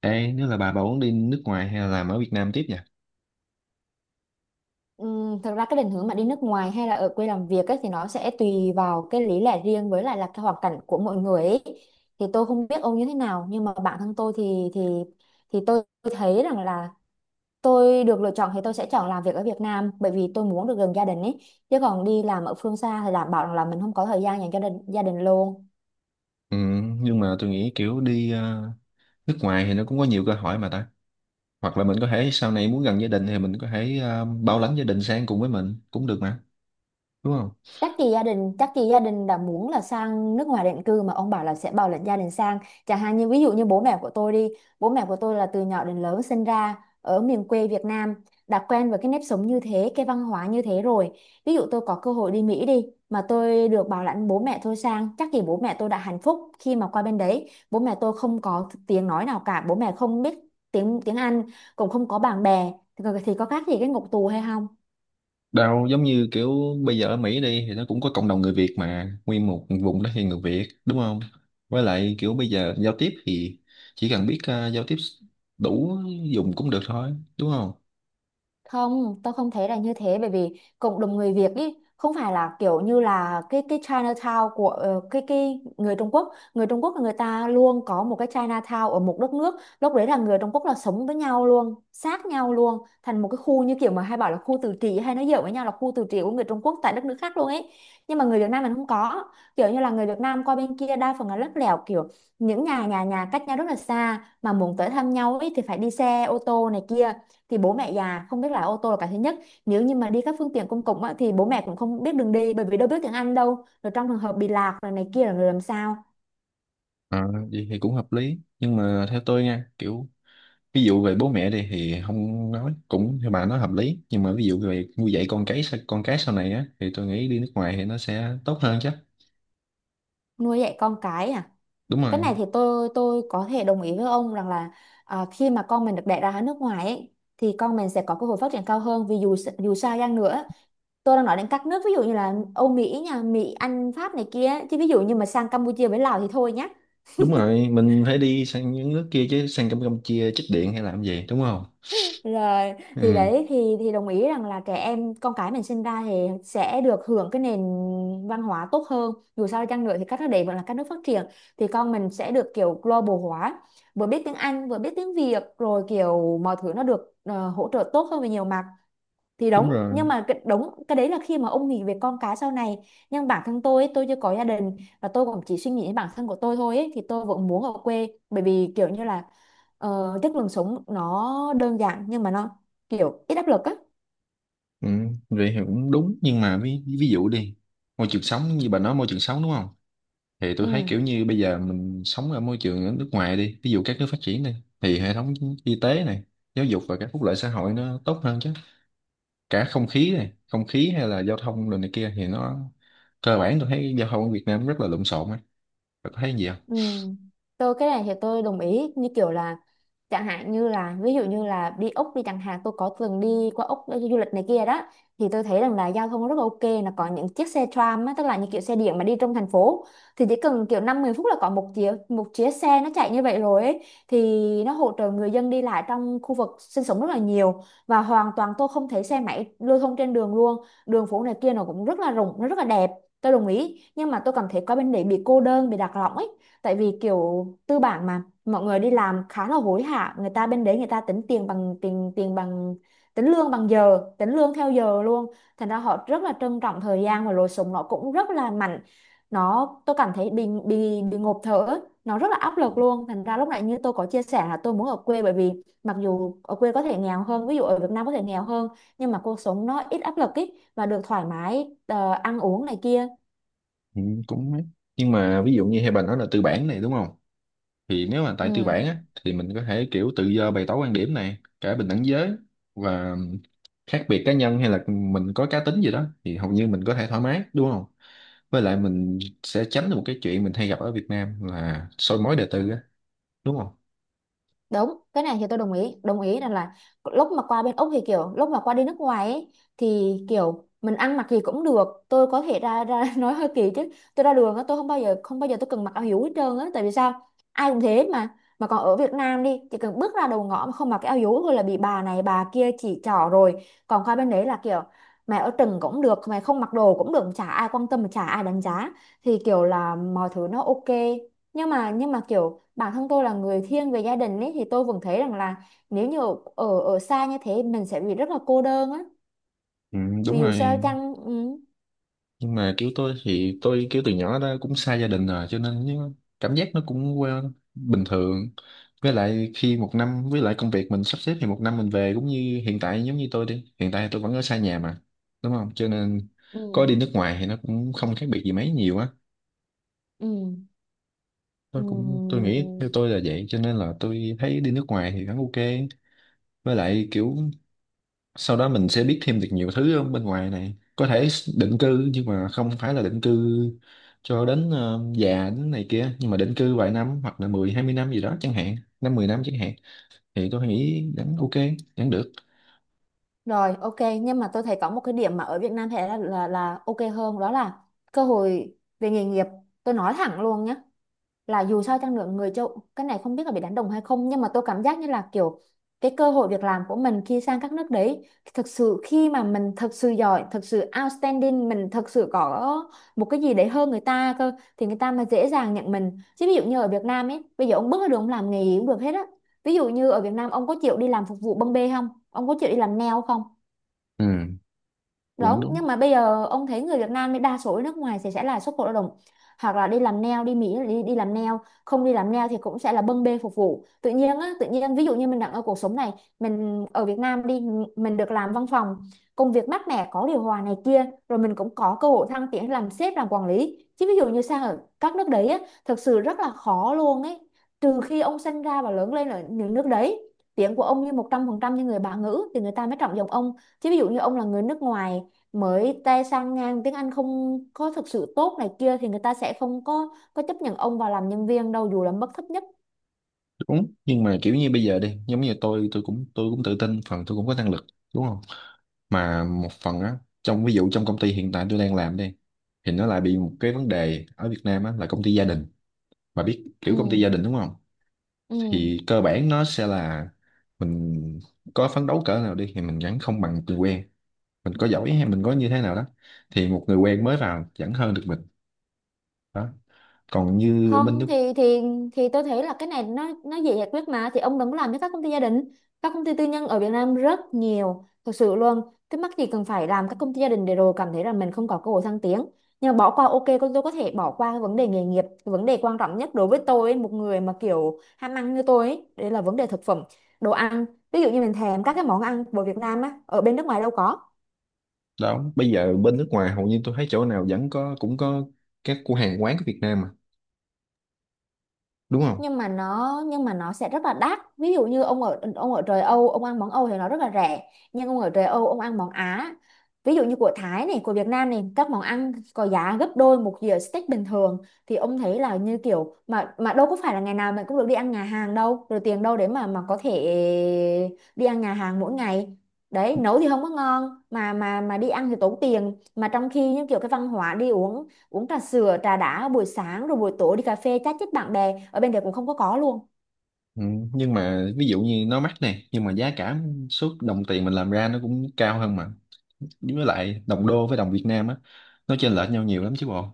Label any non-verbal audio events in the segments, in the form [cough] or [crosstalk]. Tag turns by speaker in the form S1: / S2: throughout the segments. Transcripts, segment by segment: S1: Ê, nếu là bà muốn đi nước ngoài hay là làm ở Việt Nam tiếp nhỉ?
S2: Thật ra cái định hướng mà đi nước ngoài hay là ở quê làm việc ấy, thì nó sẽ tùy vào cái lý lẽ riêng với lại là cái hoàn cảnh của mỗi người ấy. Thì tôi không biết ông như thế nào nhưng mà bản thân tôi thì tôi thấy rằng là tôi được lựa chọn thì tôi sẽ chọn làm việc ở Việt Nam bởi vì tôi muốn được gần gia đình ấy, chứ còn đi làm ở phương xa thì đảm bảo rằng là mình không có thời gian dành cho đình, gia đình luôn.
S1: Ừ, nhưng mà tôi nghĩ kiểu đi nước ngoài thì nó cũng có nhiều cơ hội mà ta. Hoặc là mình có thể sau này muốn gần gia đình thì mình có thể bảo lãnh gia đình sang cùng với mình cũng được mà, đúng không?
S2: Chắc gì gia đình đã muốn là sang nước ngoài định cư mà ông bảo là sẽ bảo lãnh gia đình sang. Chẳng hạn như ví dụ như bố mẹ của tôi đi, bố mẹ của tôi là từ nhỏ đến lớn sinh ra ở miền quê Việt Nam, đã quen với cái nếp sống như thế, cái văn hóa như thế rồi. Ví dụ tôi có cơ hội đi Mỹ đi mà tôi được bảo lãnh bố mẹ tôi sang, chắc gì bố mẹ tôi đã hạnh phúc khi mà qua bên đấy. Bố mẹ tôi không có tiếng nói nào cả, bố mẹ không biết tiếng tiếng Anh, cũng không có bạn bè thì có khác gì cái ngục tù hay không?
S1: Đâu giống như kiểu bây giờ ở Mỹ đi thì nó cũng có cộng đồng người Việt mà, nguyên một vùng đó thì người Việt, đúng không? Với lại kiểu bây giờ giao tiếp thì chỉ cần biết giao tiếp đủ dùng cũng được thôi, đúng không?
S2: Không, tôi không thấy là như thế, bởi vì cộng đồng người Việt ý không phải là kiểu như là cái Chinatown của cái người Trung Quốc. Người Trung Quốc là người ta luôn có một cái Chinatown ở một đất nước, lúc đấy là người Trung Quốc là sống với nhau luôn, sát nhau luôn, thành một cái khu như kiểu mà hay bảo là khu tự trị, hay nói giỡn với nhau là khu tự trị của người Trung Quốc tại đất nước khác luôn ấy. Nhưng mà người Việt Nam mình không có, kiểu như là người Việt Nam qua bên kia đa phần là lắt léo kiểu những nhà nhà nhà cách nhau rất là xa, mà muốn tới thăm nhau ấy thì phải đi xe ô tô này kia, thì bố mẹ già không biết lái ô tô là cái thứ nhất. Nếu như mà đi các phương tiện công cộng á, thì bố mẹ cũng không biết đường đi bởi vì đâu biết tiếng Anh đâu, rồi trong trường hợp bị lạc rồi này kia là người làm sao?
S1: Ờ, vậy thì cũng hợp lý. Nhưng mà theo tôi nha, kiểu ví dụ về bố mẹ đi thì không nói cũng theo bà nói hợp lý, nhưng mà ví dụ về nuôi dạy con cái sau này á thì tôi nghĩ đi nước ngoài thì nó sẽ tốt hơn chứ.
S2: Nuôi dạy con cái à?
S1: Đúng
S2: Cái
S1: rồi.
S2: này thì tôi có thể đồng ý với ông rằng là, à, khi mà con mình được đẻ ra ở nước ngoài ấy, thì con mình sẽ có cơ hội phát triển cao hơn, vì dù sao chăng nữa, tôi đang nói đến các nước ví dụ như là Âu Mỹ nha, Mỹ Anh Pháp này kia, chứ ví dụ như mà sang Campuchia với Lào thì thôi nhá.
S1: Đúng rồi, mình phải đi sang những nước kia chứ sang Campuchia chích điện hay làm gì, đúng không?
S2: Rồi, thì
S1: Ừ.
S2: đấy thì đồng ý rằng là trẻ em con cái mình sinh ra thì sẽ được hưởng cái nền văn hóa tốt hơn. Dù sao đi chăng nữa thì các nước đấy vẫn là các nước phát triển, thì con mình sẽ được kiểu global hóa, vừa biết tiếng Anh, vừa biết tiếng Việt, rồi kiểu mọi thứ nó được hỗ trợ tốt hơn về nhiều mặt thì
S1: Đúng
S2: đúng.
S1: rồi.
S2: Nhưng mà cái đúng cái đấy là khi mà ông nghĩ về con cái sau này. Nhưng bản thân tôi ấy, tôi chưa có gia đình và tôi cũng chỉ suy nghĩ đến bản thân của tôi thôi ấy, thì tôi vẫn muốn ở quê bởi vì kiểu như là, chất lượng sống nó đơn giản nhưng mà nó kiểu ít áp lực á.
S1: Ừ, vậy thì cũng đúng, nhưng mà ví dụ đi, môi trường sống như bà nói, môi trường sống đúng không? Thì tôi thấy
S2: Ừ.
S1: kiểu như bây giờ mình sống ở môi trường ở nước ngoài đi, ví dụ các nước phát triển đi, thì hệ thống y tế này, giáo dục và các phúc lợi xã hội nó tốt hơn chứ. Cả không khí này, không khí hay là giao thông rồi này kia thì nó cơ bản tôi thấy giao thông ở Việt Nam rất là lộn xộn ấy. Bạn có thấy gì không?
S2: Ừ. Tôi cái này thì tôi đồng ý, như kiểu là chẳng hạn như là ví dụ như là đi Úc đi chẳng hạn, tôi có từng đi qua Úc đi du lịch này kia đó, thì tôi thấy rằng là giao thông rất là ok, là có những chiếc xe tram á, tức là những kiểu xe điện mà đi trong thành phố, thì chỉ cần kiểu 5-10 phút là có một chiếc xe nó chạy như vậy rồi ấy, thì nó hỗ trợ người dân đi lại trong khu vực sinh sống rất là nhiều, và hoàn toàn tôi không thấy xe máy lưu thông trên đường luôn, đường phố này kia nó cũng rất là rộng, nó rất là đẹp. Tôi đồng ý, nhưng mà tôi cảm thấy qua bên đấy bị cô đơn, bị lạc lõng ấy, tại vì kiểu tư bản mà mọi người đi làm khá là hối hả, người ta bên đấy người ta tính tiền bằng tiền tiền bằng tính lương bằng giờ, tính lương theo giờ luôn, thành ra họ rất là trân trọng thời gian, và lối sống nó cũng rất là mạnh. Nó tôi cảm thấy bị ngộp thở, nó rất là áp lực luôn, thành ra lúc nãy như tôi có chia sẻ là tôi muốn ở quê, bởi vì mặc dù ở quê có thể nghèo hơn, ví dụ ở Việt Nam có thể nghèo hơn, nhưng mà cuộc sống nó ít áp lực ý và được thoải mái ăn uống này kia.
S1: Ừ, cũng ấy. Nhưng mà ví dụ như hai bà nói là tư bản này, đúng không? Thì nếu mà tại tư
S2: Ừ.
S1: bản á thì mình có thể kiểu tự do bày tỏ quan điểm này, cả bình đẳng giới và khác biệt cá nhân hay là mình có cá tính gì đó thì hầu như mình có thể thoải mái, đúng không? Với lại mình sẽ tránh được một cái chuyện mình hay gặp ở Việt Nam là soi mói đời tư á, đúng không?
S2: Đúng, cái này thì tôi đồng ý, đồng ý rằng là lúc mà qua bên Úc thì kiểu lúc mà qua đi nước ngoài ấy, thì kiểu mình ăn mặc gì cũng được, tôi có thể ra ra [laughs] nói hơi kỳ chứ tôi ra đường á tôi không bao giờ, không bao giờ tôi cần mặc áo hiếu hết trơn á, tại vì sao? Ai cũng thế mà. Mà còn ở Việt Nam đi chỉ cần bước ra đầu ngõ mà không mặc cái áo hiếu thôi là bị bà này bà kia chỉ trỏ rồi, còn qua bên đấy là kiểu mày ở trần cũng được, mày không mặc đồ cũng được, chả ai quan tâm, chả ai đánh giá, thì kiểu là mọi thứ nó ok. Nhưng mà kiểu bản thân tôi là người thiên về gia đình ấy thì tôi vẫn thấy rằng là nếu như ở ở ở xa như thế mình sẽ bị rất là cô đơn á,
S1: Ừ,
S2: vì
S1: đúng
S2: dù sao
S1: rồi.
S2: chăng. Ừ,
S1: Nhưng mà kiểu tôi thì tôi kiểu từ nhỏ đó cũng xa gia đình rồi cho nên cảm giác nó cũng quen bình thường. Với lại khi một năm với lại công việc mình sắp xếp thì một năm mình về cũng như hiện tại, giống như tôi đi hiện tại tôi vẫn ở xa nhà mà, đúng không? Cho nên
S2: ừ,
S1: có đi nước ngoài thì nó cũng không khác biệt gì mấy nhiều á.
S2: ừ,
S1: Tôi
S2: ừ.
S1: nghĩ theo tôi là vậy, cho nên là tôi thấy đi nước ngoài thì vẫn ok. Với lại kiểu sau đó mình sẽ biết thêm được nhiều thứ ở bên ngoài này, có thể định cư, nhưng mà không phải là định cư cho đến già đến này kia, nhưng mà định cư vài năm hoặc là 10, 20 năm gì đó chẳng hạn, 5, 10 năm chẳng hạn, thì tôi nghĩ vẫn ok, vẫn được.
S2: Rồi, ok. Nhưng mà tôi thấy có một cái điểm mà ở Việt Nam thế là, là ok hơn, đó là cơ hội về nghề nghiệp. Tôi nói thẳng luôn nhé, là dù sao chăng nữa người châu, cái này không biết là bị đánh đồng hay không, nhưng mà tôi cảm giác như là kiểu cái cơ hội việc làm của mình khi sang các nước đấy, thực sự khi mà mình thực sự giỏi, thực sự outstanding, mình thực sự có một cái gì đấy hơn người ta cơ thì người ta mới dễ dàng nhận mình. Chứ ví dụ như ở Việt Nam ấy bây giờ ông bước ra đường ông làm nghề gì cũng được hết á, ví dụ như ở Việt Nam ông có chịu đi làm phục vụ bưng bê không, ông có chịu đi làm nail không?
S1: Ừ, cũng
S2: Đúng,
S1: đúng.
S2: nhưng mà bây giờ ông thấy người Việt Nam mới đa số ở nước ngoài thì sẽ là xuất khẩu lao động, hoặc là đi làm nail, đi Mỹ là đi đi làm nail, không đi làm nail thì cũng sẽ là bưng bê phục vụ. Tự nhiên á, tự nhiên ví dụ như mình đang ở cuộc sống này, mình ở Việt Nam đi, mình được làm văn phòng, công việc mát mẻ có điều hòa này kia, rồi mình cũng có cơ hội thăng tiến làm sếp làm quản lý, chứ ví dụ như sang ở các nước đấy á thực sự rất là khó luôn ấy, trừ khi ông sinh ra và lớn lên ở những nước đấy, tiếng của ông như 100% như người bản ngữ thì người ta mới trọng dụng ông. Chứ ví dụ như ông là người nước ngoài mới tay sang ngang, tiếng Anh không có thực sự tốt này kia, thì người ta sẽ không có chấp nhận ông vào làm nhân viên đâu dù là mức thấp nhất.
S1: Đúng, nhưng mà kiểu như bây giờ đi giống như tôi cũng tự tin phần tôi cũng có năng lực, đúng không? Mà một phần á, trong ví dụ trong công ty hiện tại tôi đang làm đi, thì nó lại bị một cái vấn đề ở Việt Nam á là công ty gia đình, mà biết kiểu công ty
S2: Ừ,
S1: gia đình đúng không?
S2: ừ.
S1: Thì cơ bản nó sẽ là mình có phấn đấu cỡ nào đi thì mình vẫn không bằng người quen, mình có giỏi hay mình có như thế nào đó thì một người quen mới vào vẫn hơn được mình. Đó, còn như bên
S2: không
S1: nước
S2: thì thì thì tôi thấy là cái này nó dễ giải quyết mà, thì ông đừng có làm cho các công ty gia đình. Các công ty tư nhân ở Việt Nam rất nhiều thực sự luôn, cái mắc gì cần phải làm các công ty gia đình để rồi cảm thấy là mình không có cơ hội thăng tiến. Nhưng mà bỏ qua, ok, con tôi có thể bỏ qua cái vấn đề nghề nghiệp. Cái vấn đề quan trọng nhất đối với tôi, một người mà kiểu ham ăn như tôi ấy, đấy là vấn đề thực phẩm, đồ ăn. Ví dụ như mình thèm các cái món ăn của Việt Nam á, ở bên nước ngoài đâu có.
S1: đó. Bây giờ bên nước ngoài hầu như tôi thấy chỗ nào vẫn có, cũng có các cửa hàng quán của Việt Nam mà, đúng không?
S2: Nhưng mà nó sẽ rất là đắt. Ví dụ như ông ở trời Âu ông ăn món Âu thì nó rất là rẻ, nhưng ông ở trời Âu ông ăn món Á, ví dụ như của Thái này, của Việt Nam này, các món ăn có giá gấp đôi một dĩa steak bình thường. Thì ông thấy là như kiểu mà đâu có phải là ngày nào mình cũng được đi ăn nhà hàng đâu, rồi tiền đâu để mà có thể đi ăn nhà hàng mỗi ngày. Đấy, nấu thì không có ngon mà đi ăn thì tốn tiền, mà trong khi những kiểu cái văn hóa đi uống uống trà sữa, trà đá buổi sáng, rồi buổi tối đi cà phê chat chít bạn bè ở bên đấy cũng không có luôn.
S1: Ừ. Nhưng mà ví dụ như nó mắc nè, nhưng mà giá cả suốt đồng tiền mình làm ra nó cũng cao hơn mà. Với lại đồng đô với đồng Việt Nam á nó chênh lệch nhau nhiều lắm chứ bộ.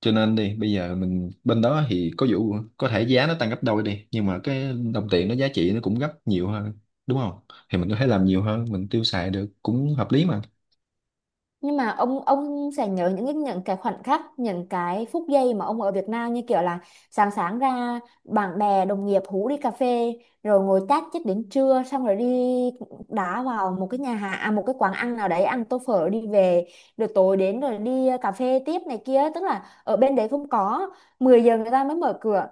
S1: Cho nên đi bây giờ mình bên đó thì có vụ có thể giá nó tăng gấp đôi đi, nhưng mà cái đồng tiền nó giá trị nó cũng gấp nhiều hơn, đúng không? Thì mình có thể làm nhiều hơn mình tiêu xài được cũng hợp lý mà.
S2: Nhưng mà ông sẽ nhớ những những cái khoảnh khắc, những cái phút giây mà ông ở Việt Nam, như kiểu là sáng sáng ra bạn bè đồng nghiệp hú đi cà phê, rồi ngồi chat chít đến trưa, xong rồi đi đá vào một cái nhà hàng à, một cái quán ăn nào đấy ăn tô phở đi về, rồi tối đến rồi đi cà phê tiếp này kia. Tức là ở bên đấy không có, 10 giờ người ta mới mở cửa,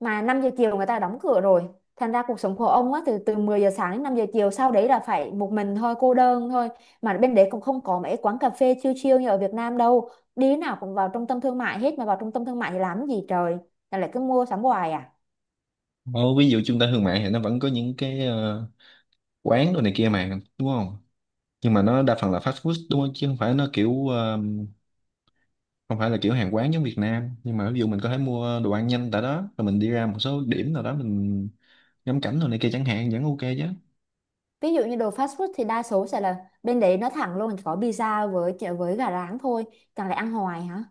S2: mà 5 giờ chiều người ta đóng cửa rồi. Thành ra cuộc sống của ông á, từ từ 10 giờ sáng đến 5 giờ chiều, sau đấy là phải một mình thôi, cô đơn thôi. Mà bên đấy cũng không có mấy quán cà phê chill chill như ở Việt Nam đâu. Đi nào cũng vào trung tâm thương mại hết, mà vào trung tâm thương mại thì làm gì trời. Là lại cứ mua sắm hoài à.
S1: Ồ, ví dụ trung tâm thương mại thì nó vẫn có những cái quán đồ này kia mà, đúng không? Nhưng mà nó đa phần là fast food đúng không, chứ không phải nó kiểu không phải là kiểu hàng quán giống Việt Nam, nhưng mà ví dụ mình có thể mua đồ ăn nhanh tại đó rồi mình đi ra một số điểm nào đó mình ngắm cảnh đồ này kia chẳng hạn, vẫn ok chứ?
S2: Ví dụ như đồ fast food thì đa số sẽ là bên đấy nó thẳng luôn, chỉ có pizza với gà rán thôi. Chẳng lẽ ăn hoài hả?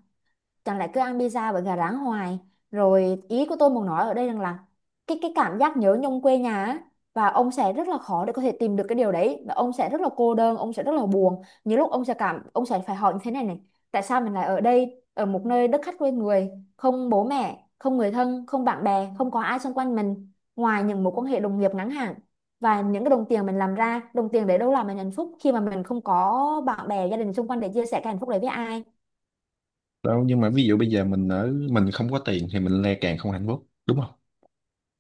S2: Chẳng lẽ cứ ăn pizza với gà rán hoài? Rồi ý của tôi muốn nói ở đây rằng là cái cảm giác nhớ nhung quê nhà á, và ông sẽ rất là khó để có thể tìm được cái điều đấy, và ông sẽ rất là cô đơn, ông sẽ rất là buồn. Nhiều lúc ông sẽ cảm, ông sẽ phải hỏi như thế này này: tại sao mình lại ở đây, ở một nơi đất khách quê người, không bố mẹ, không người thân, không bạn bè, không có ai xung quanh mình, ngoài những mối quan hệ đồng nghiệp ngắn hạn. Và những cái đồng tiền mình làm ra, đồng tiền để đâu làm mình hạnh phúc khi mà mình không có bạn bè gia đình xung quanh để chia sẻ cái hạnh phúc đấy với ai.
S1: Đâu, nhưng mà ví dụ bây giờ mình ở mình không có tiền thì mình lại càng không hạnh phúc, đúng không?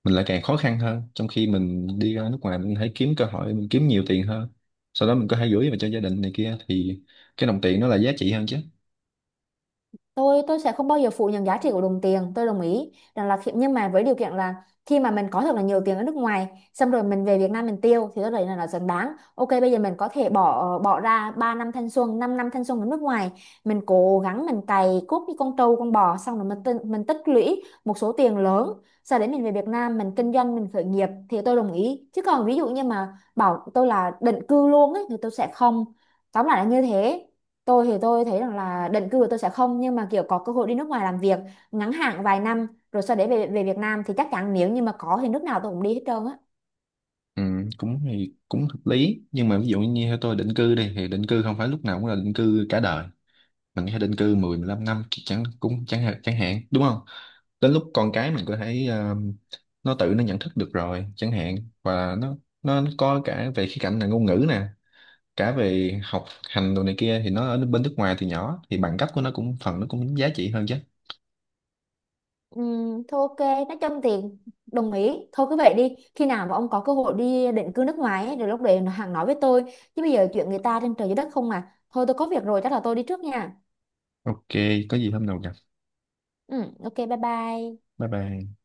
S1: Mình lại càng khó khăn hơn, trong khi mình đi ra nước ngoài mình hãy kiếm cơ hội mình kiếm nhiều tiền hơn, sau đó mình có thể gửi về cho gia đình này kia thì cái đồng tiền nó là giá trị hơn chứ.
S2: Tôi sẽ không bao giờ phủ nhận giá trị của đồng tiền, tôi đồng ý rằng là khi, nhưng mà với điều kiện là khi mà mình có thật là nhiều tiền ở nước ngoài, xong rồi mình về Việt Nam mình tiêu, thì tôi thấy là nó xứng đáng. Ok, bây giờ mình có thể bỏ ra 3 năm thanh xuân, 5 năm thanh xuân ở nước ngoài, mình cố gắng mình cày cuốc như con trâu con bò, xong rồi mình tích lũy một số tiền lớn, sau đấy mình về Việt Nam mình kinh doanh, mình khởi nghiệp, thì tôi đồng ý. Chứ còn ví dụ như mà bảo tôi là định cư luôn ấy thì tôi sẽ không. Tóm lại là như thế. Tôi thì tôi thấy rằng là định cư của tôi sẽ không, nhưng mà kiểu có cơ hội đi nước ngoài làm việc ngắn hạn vài năm rồi sau đấy về về Việt Nam thì chắc chắn, nếu như mà có thì nước nào tôi cũng đi hết trơn á.
S1: Ừ, cũng thì cũng hợp lý, nhưng mà ví dụ như theo tôi định cư đi thì định cư không phải lúc nào cũng là định cư cả đời. Mình có thể định cư 10 15 năm chẳng hạn đúng không? Đến lúc con cái mình có thể nó tự nó nhận thức được rồi chẳng hạn, và nó có cả về khía cạnh là ngôn ngữ nè, cả về học hành đồ này kia thì nó ở bên nước ngoài từ nhỏ thì bằng cấp của nó cũng phần nó cũng giá trị hơn chứ.
S2: Thôi ok, nói chung thì đồng ý. Thôi cứ vậy đi. Khi nào mà ông có cơ hội đi định cư nước ngoài ấy, rồi lúc đấy hàng nói với tôi. Chứ bây giờ chuyện người ta trên trời dưới đất không à. Thôi tôi có việc rồi, chắc là tôi đi trước nha.
S1: Ok, có gì hôm nào gặp.
S2: Ừ, ok, bye bye.
S1: Bye bye.